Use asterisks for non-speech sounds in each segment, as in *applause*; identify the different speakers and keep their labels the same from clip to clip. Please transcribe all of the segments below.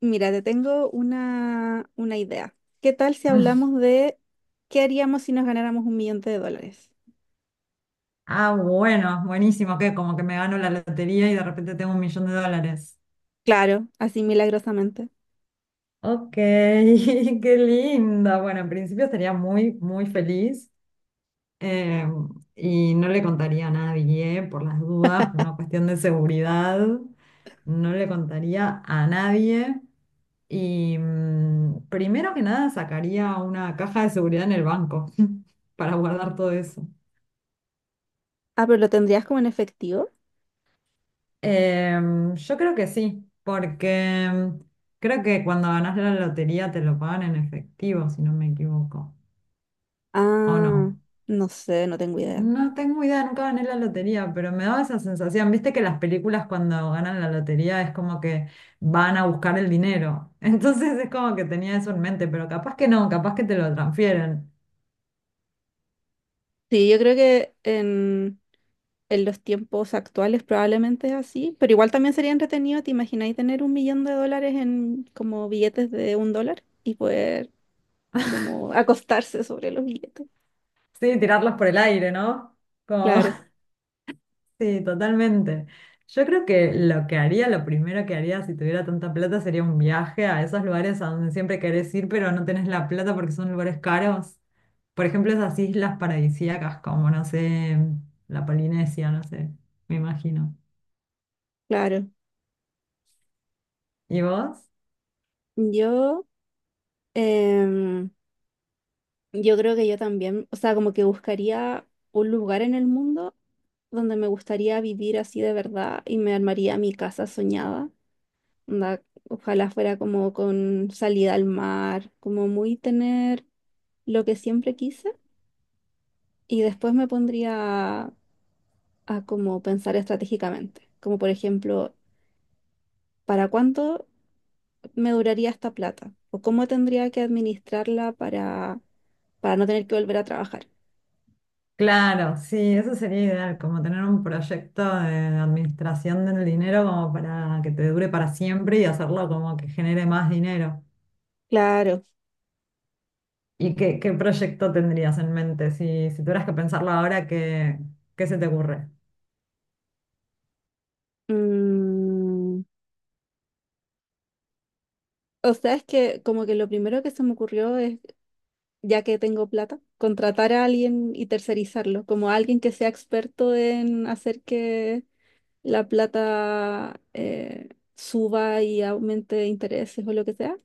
Speaker 1: Mira, te tengo una idea. ¿Qué tal si hablamos
Speaker 2: *laughs*
Speaker 1: de qué haríamos si nos ganáramos un millón de dólares?
Speaker 2: Ah, bueno, buenísimo, que como que me gano la lotería y de repente tengo un millón de dólares.
Speaker 1: Claro, así milagrosamente.
Speaker 2: Ok, *laughs* qué linda. Bueno, en principio estaría muy feliz, eh, y no le contaría a nadie por las dudas, por una cuestión de seguridad. No le contaría a nadie y primero que nada sacaría una caja de seguridad en el banco *laughs* para guardar todo eso.
Speaker 1: Ah, pero ¿lo tendrías como en efectivo?
Speaker 2: Yo creo que sí, porque creo que cuando ganás la lotería te lo pagan en efectivo, si no me equivoco, ¿o no?
Speaker 1: Ah, no sé, no tengo idea.
Speaker 2: No tengo idea, nunca gané la lotería, pero me daba esa sensación. Viste que las películas cuando ganan la lotería es como que van a buscar el dinero. *laughs* Entonces es como que tenía eso en mente, pero capaz que no, capaz que te lo transfieren.
Speaker 1: Sí, yo creo que en los tiempos actuales probablemente es así, pero igual también sería entretenido, ¿te imagináis tener un millón de dólares en como billetes de un dólar y poder como *laughs* acostarse sobre los billetes?
Speaker 2: Sí, tirarlos por el aire, ¿no? Como...
Speaker 1: Claro,
Speaker 2: Sí, totalmente. Yo creo que lo que haría, lo primero que haría si tuviera tanta plata sería un viaje a esos lugares a donde siempre querés ir, pero no tenés la plata porque son lugares caros. Por ejemplo, esas islas paradisíacas como, no sé, la Polinesia, no sé, me imagino.
Speaker 1: claro.
Speaker 2: ¿Y vos?
Speaker 1: Yo... em, Yo creo que yo también, o sea, como que buscaría un lugar en el mundo donde me gustaría vivir así de verdad y me armaría mi casa soñada. Onda, ojalá fuera como con salida al mar, como muy tener lo que siempre quise. Y después me pondría a, a como pensar estratégicamente, como por ejemplo, ¿para cuánto me duraría esta plata? ¿O cómo tendría que administrarla para no tener que volver a trabajar?
Speaker 2: Claro, sí, eso sería ideal, como tener un proyecto de administración del dinero como para que te dure para siempre y hacerlo como que genere más dinero.
Speaker 1: Claro.
Speaker 2: ¿Y qué proyecto tendrías en mente? Si, si tuvieras que pensarlo ahora, ¿qué, qué se te ocurre?
Speaker 1: Mm, O sea, es que como que lo primero que se me ocurrió es, ya que tengo plata, contratar a alguien y tercerizarlo, como alguien que sea experto en hacer que la plata suba y aumente intereses o lo que sea.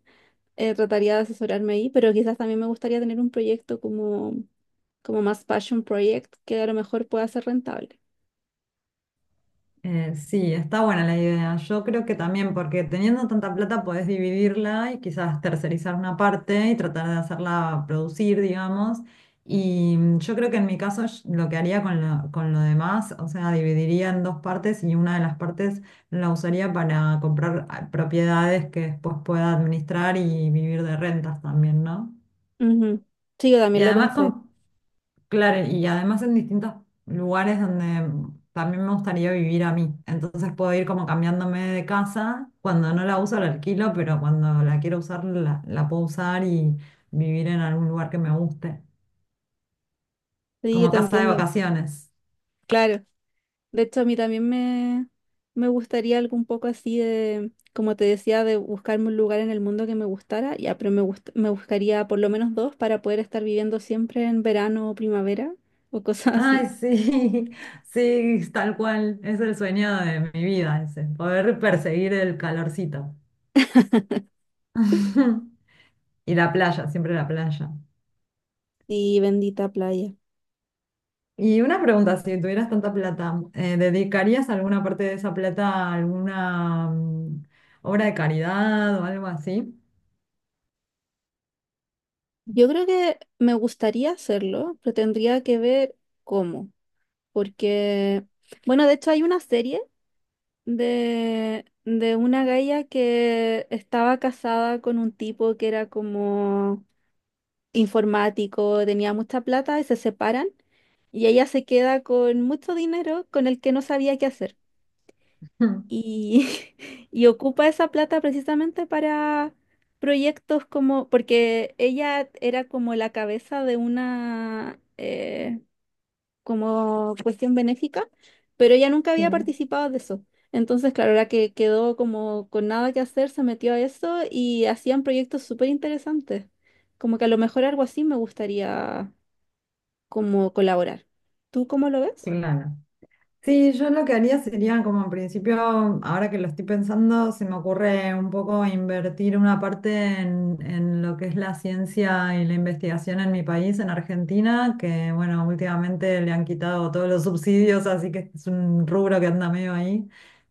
Speaker 1: Trataría de asesorarme ahí, pero quizás también me gustaría tener un proyecto como más passion project que a lo mejor pueda ser rentable.
Speaker 2: Sí, está buena la idea. Yo creo que también, porque teniendo tanta plata podés dividirla y quizás tercerizar una parte y tratar de hacerla producir, digamos. Y yo creo que en mi caso sh- lo que haría con con lo demás, o sea, dividiría en dos partes y una de las partes la usaría para comprar propiedades que después pueda administrar y vivir de rentas también, ¿no?
Speaker 1: Ujú. Sí, yo
Speaker 2: Y
Speaker 1: también lo
Speaker 2: además
Speaker 1: pensé.
Speaker 2: con. Claro, y además en distintos lugares donde también me gustaría vivir a mí. Entonces puedo ir como cambiándome de casa. Cuando no la uso la alquilo, pero cuando la quiero usar la puedo usar y vivir en algún lugar que me guste.
Speaker 1: Sí,
Speaker 2: Como
Speaker 1: te
Speaker 2: casa de
Speaker 1: entiendo.
Speaker 2: vacaciones.
Speaker 1: Claro. De hecho, a mí también me gustaría algo un poco así de, como te decía, de buscarme un lugar en el mundo que me gustara. Ya, pero me buscaría por lo menos dos para poder estar viviendo siempre en verano o primavera o *laughs* cosas
Speaker 2: Ay,
Speaker 1: así.
Speaker 2: sí, *laughs* sí, tal cual. Es el sueño de mi vida ese, poder perseguir el calorcito. *laughs* Y la playa, siempre la playa.
Speaker 1: Y bendita playa.
Speaker 2: Y una pregunta, si tuvieras tanta plata, ¿dedicarías alguna parte de esa plata a alguna obra de caridad o algo así?
Speaker 1: Yo creo que me gustaría hacerlo, pero tendría que ver cómo, porque, bueno, de hecho hay una serie de una galla que estaba casada con un tipo que era como informático, tenía mucha plata y se separan y ella se queda con mucho dinero con el que no sabía qué hacer.
Speaker 2: *laughs*
Speaker 1: Y *laughs* y ocupa esa plata precisamente para proyectos como, porque ella era como la cabeza de una como cuestión benéfica, pero ella nunca
Speaker 2: Sí,
Speaker 1: había participado de eso. Entonces, claro, la que quedó como con nada que hacer, se metió a eso y hacían proyectos súper interesantes. Como que a lo mejor algo así me gustaría como colaborar. ¿Tú cómo lo ves?
Speaker 2: claro. Sí, yo lo que haría sería como en principio, ahora que lo estoy pensando, se me ocurre un poco invertir una parte en lo que es la ciencia y la investigación en mi país, en Argentina, que bueno, últimamente le han quitado todos los subsidios, así que es un rubro que anda medio ahí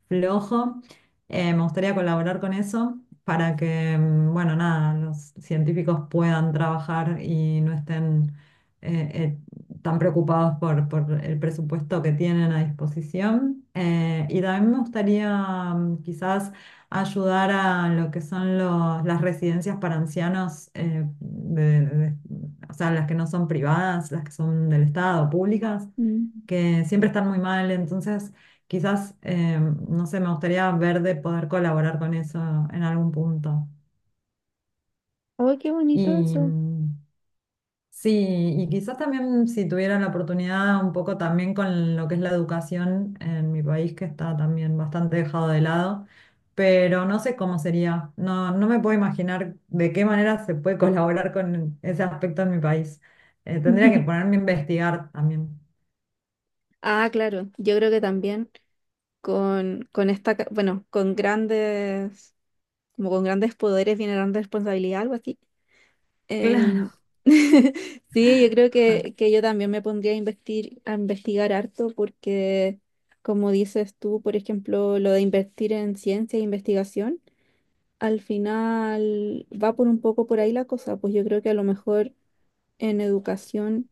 Speaker 2: flojo. Me gustaría colaborar con eso para que, bueno, nada, los científicos puedan trabajar y no estén... eh, eh, están preocupados por el presupuesto que tienen a disposición. Y también me gustaría quizás ayudar a lo que son los- las residencias para ancianos, de- o sea, las que no son privadas, las que son del Estado, públicas,
Speaker 1: Mm.
Speaker 2: que siempre están muy mal. Entonces, quizás, no sé, me gustaría ver de poder colaborar con eso en algún punto.
Speaker 1: ¡Ay, qué bonito
Speaker 2: Y,
Speaker 1: eso!
Speaker 2: sí, y quizás también si tuviera la oportunidad un poco también con lo que es la educación en mi país, que está también bastante dejado de lado, pero no sé cómo sería, no me puedo imaginar de qué manera se puede *laughs* colaborar con ese aspecto en mi país. Tendría que
Speaker 1: *laughs*
Speaker 2: ponerme a investigar también.
Speaker 1: Ah, claro, yo creo que también con, esta, bueno, con grandes, como con grandes poderes viene grande responsabilidad, algo así. Em,
Speaker 2: *laughs*
Speaker 1: *laughs* sí, yo creo que yo también me pondría a investir, a investigar harto porque, como dices tú, por ejemplo, lo de invertir en ciencia e investigación, al final va por un poco por ahí la cosa, pues yo creo que a lo mejor en educación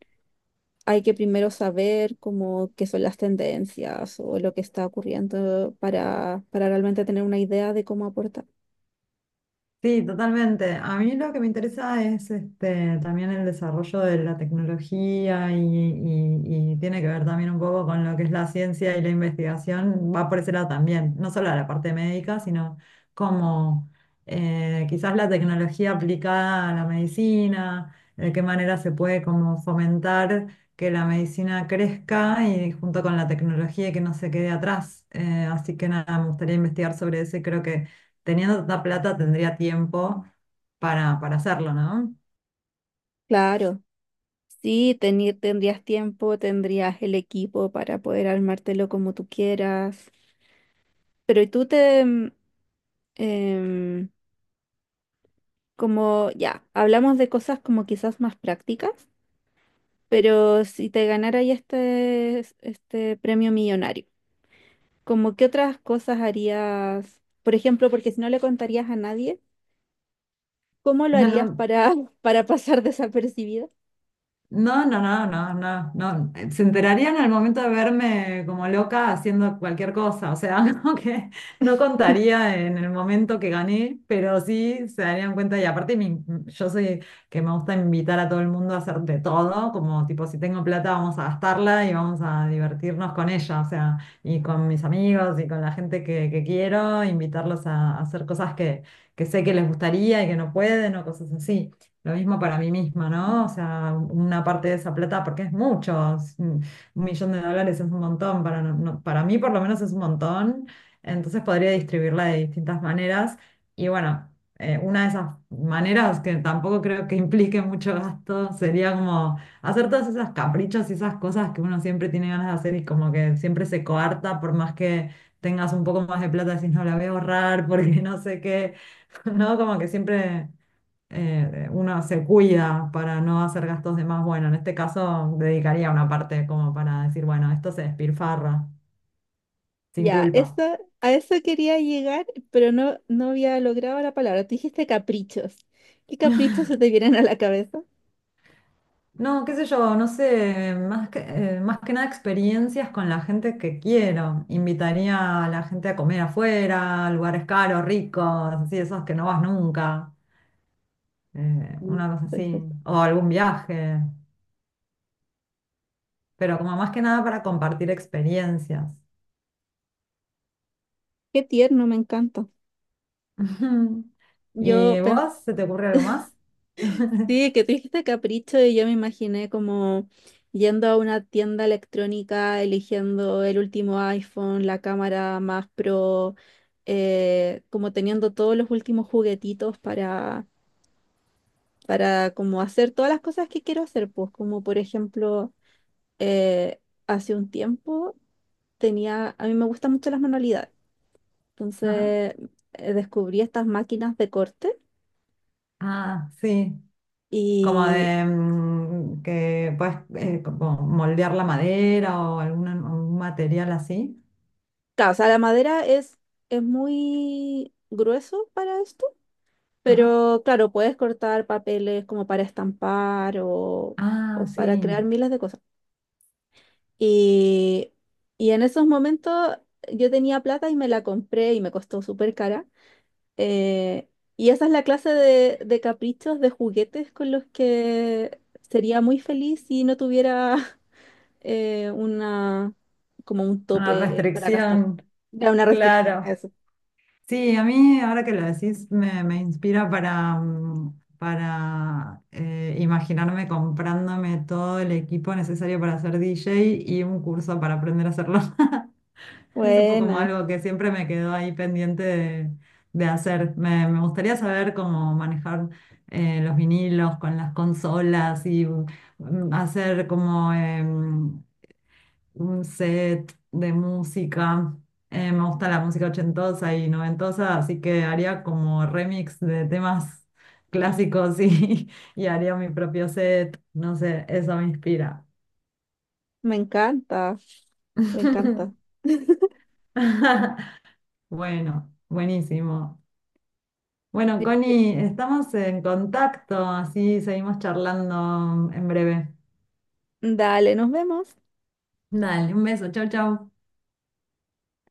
Speaker 1: hay que primero saber como qué son las tendencias o lo que está ocurriendo para realmente tener una idea de cómo aportar.
Speaker 2: Sí, totalmente. A mí lo que me interesa es este, también el desarrollo de la tecnología y tiene que ver también un poco con lo que es la ciencia y la investigación. Va por ese lado también, no solo a la parte médica, sino como quizás la tecnología aplicada a la medicina, de qué manera se puede como fomentar que la medicina crezca y junto con la tecnología y que no se quede atrás. Así que nada, me gustaría investigar sobre eso y creo que teniendo tanta plata tendría tiempo para hacerlo, ¿no?
Speaker 1: Claro, sí, tendrías tiempo, tendrías el equipo para poder armártelo como tú quieras. Pero y tú te, em, como ya, hablamos de cosas como quizás más prácticas, pero si te ganara ahí este premio millonario, ¿como qué otras cosas harías? Por ejemplo, porque si no le contarías a nadie. ¿Cómo
Speaker 2: *laughs*
Speaker 1: lo harías
Speaker 2: No,
Speaker 1: para, *laughs* para pasar desapercibido?
Speaker 2: no, no, no, no, no, no. Se enterarían al momento de verme como loca haciendo cualquier cosa. O sea, *laughs* como que no contaría en el momento que gané, pero sí se darían cuenta. Y aparte, mi- yo soy que me gusta invitar a todo el mundo a hacer de todo. Como tipo, si tengo plata, vamos a gastarla y vamos a divertirnos con ella. O sea, y con mis amigos y con la gente que quiero, invitarlos a hacer cosas que sé que les gustaría y que no pueden o cosas así. Lo mismo para mí misma, ¿no? O sea, una parte de esa plata, porque es mucho, es un millón de dólares, es un montón, para, no- no- para mí por lo menos es un montón, entonces podría distribuirla de distintas maneras. Y bueno, una de esas maneras que tampoco creo que implique mucho gasto sería como hacer todos esos caprichos y esas cosas que uno siempre tiene ganas de hacer y como que siempre se coarta por más que tengas un poco más de plata, decís no la voy a ahorrar porque *laughs* no sé qué, *laughs* ¿no? Como que siempre uno se cuida para no hacer gastos de más. Bueno, en este caso dedicaría una parte como para decir, bueno, esto se despilfarra, sin
Speaker 1: Ya, eso,
Speaker 2: culpa.
Speaker 1: a eso quería llegar, pero no, no había logrado la palabra. Tú dijiste caprichos. ¿Qué caprichos se te vienen a la cabeza?
Speaker 2: No, qué sé yo, no sé, más que nada experiencias con la gente que quiero. Invitaría a la gente a comer afuera, a lugares caros, ricos, así, esos que no vas nunca,
Speaker 1: Mm.
Speaker 2: una cosa así,
Speaker 1: Perfecto.
Speaker 2: o algún viaje, pero como más que nada para compartir experiencias.
Speaker 1: Qué tierno, me encanta.
Speaker 2: *laughs*
Speaker 1: Yo
Speaker 2: ¿Y
Speaker 1: pensé
Speaker 2: vos, se te ocurre algo más? *laughs*
Speaker 1: que tú dijiste capricho y yo me imaginé como yendo a una tienda electrónica, eligiendo el último iPhone, la cámara más pro, como teniendo todos los últimos juguetitos para como hacer todas las cosas que quiero hacer, pues como por ejemplo, eh, hace un tiempo tenía, a mí me gustan mucho las manualidades,
Speaker 2: Ajá.
Speaker 1: entonces descubrí estas máquinas de corte
Speaker 2: Ah, sí, como
Speaker 1: y,
Speaker 2: de que puedes como moldear la madera o algún material así.
Speaker 1: claro, o sea, la madera es muy grueso para esto,
Speaker 2: Ajá.
Speaker 1: pero claro, puedes cortar papeles como para estampar o,
Speaker 2: Ah,
Speaker 1: o
Speaker 2: sí,
Speaker 1: para crear miles de cosas. Y, y en esos momentos yo tenía plata y me la compré y me costó súper cara. Eh, y esa es la clase de caprichos, de juguetes con los que sería muy feliz si no tuviera *laughs* una, como un
Speaker 2: una
Speaker 1: tope para gastar.
Speaker 2: restricción,
Speaker 1: Ya una restricción,
Speaker 2: claro.
Speaker 1: eso.
Speaker 2: Sí, a mí ahora que lo decís me inspira para, para imaginarme comprándome todo el equipo necesario para ser DJ y un curso para aprender a hacerlo. *laughs* *laughs* Es un poco como
Speaker 1: Buena,
Speaker 2: algo que siempre me quedó ahí pendiente de hacer. Me gustaría saber cómo manejar los vinilos con las consolas y hacer como un set de música. Me gusta la música ochentosa y noventosa, así que haría como remix de temas clásicos y, *laughs* y haría mi propio set. No sé, eso me inspira.
Speaker 1: me encanta, me encanta.
Speaker 2: *laughs*
Speaker 1: *laughs*
Speaker 2: Bueno, buenísimo. Bueno, Connie, estamos en contacto, así seguimos charlando en breve.
Speaker 1: Dale, nos vemos.
Speaker 2: Dale, un beso, chau, chau.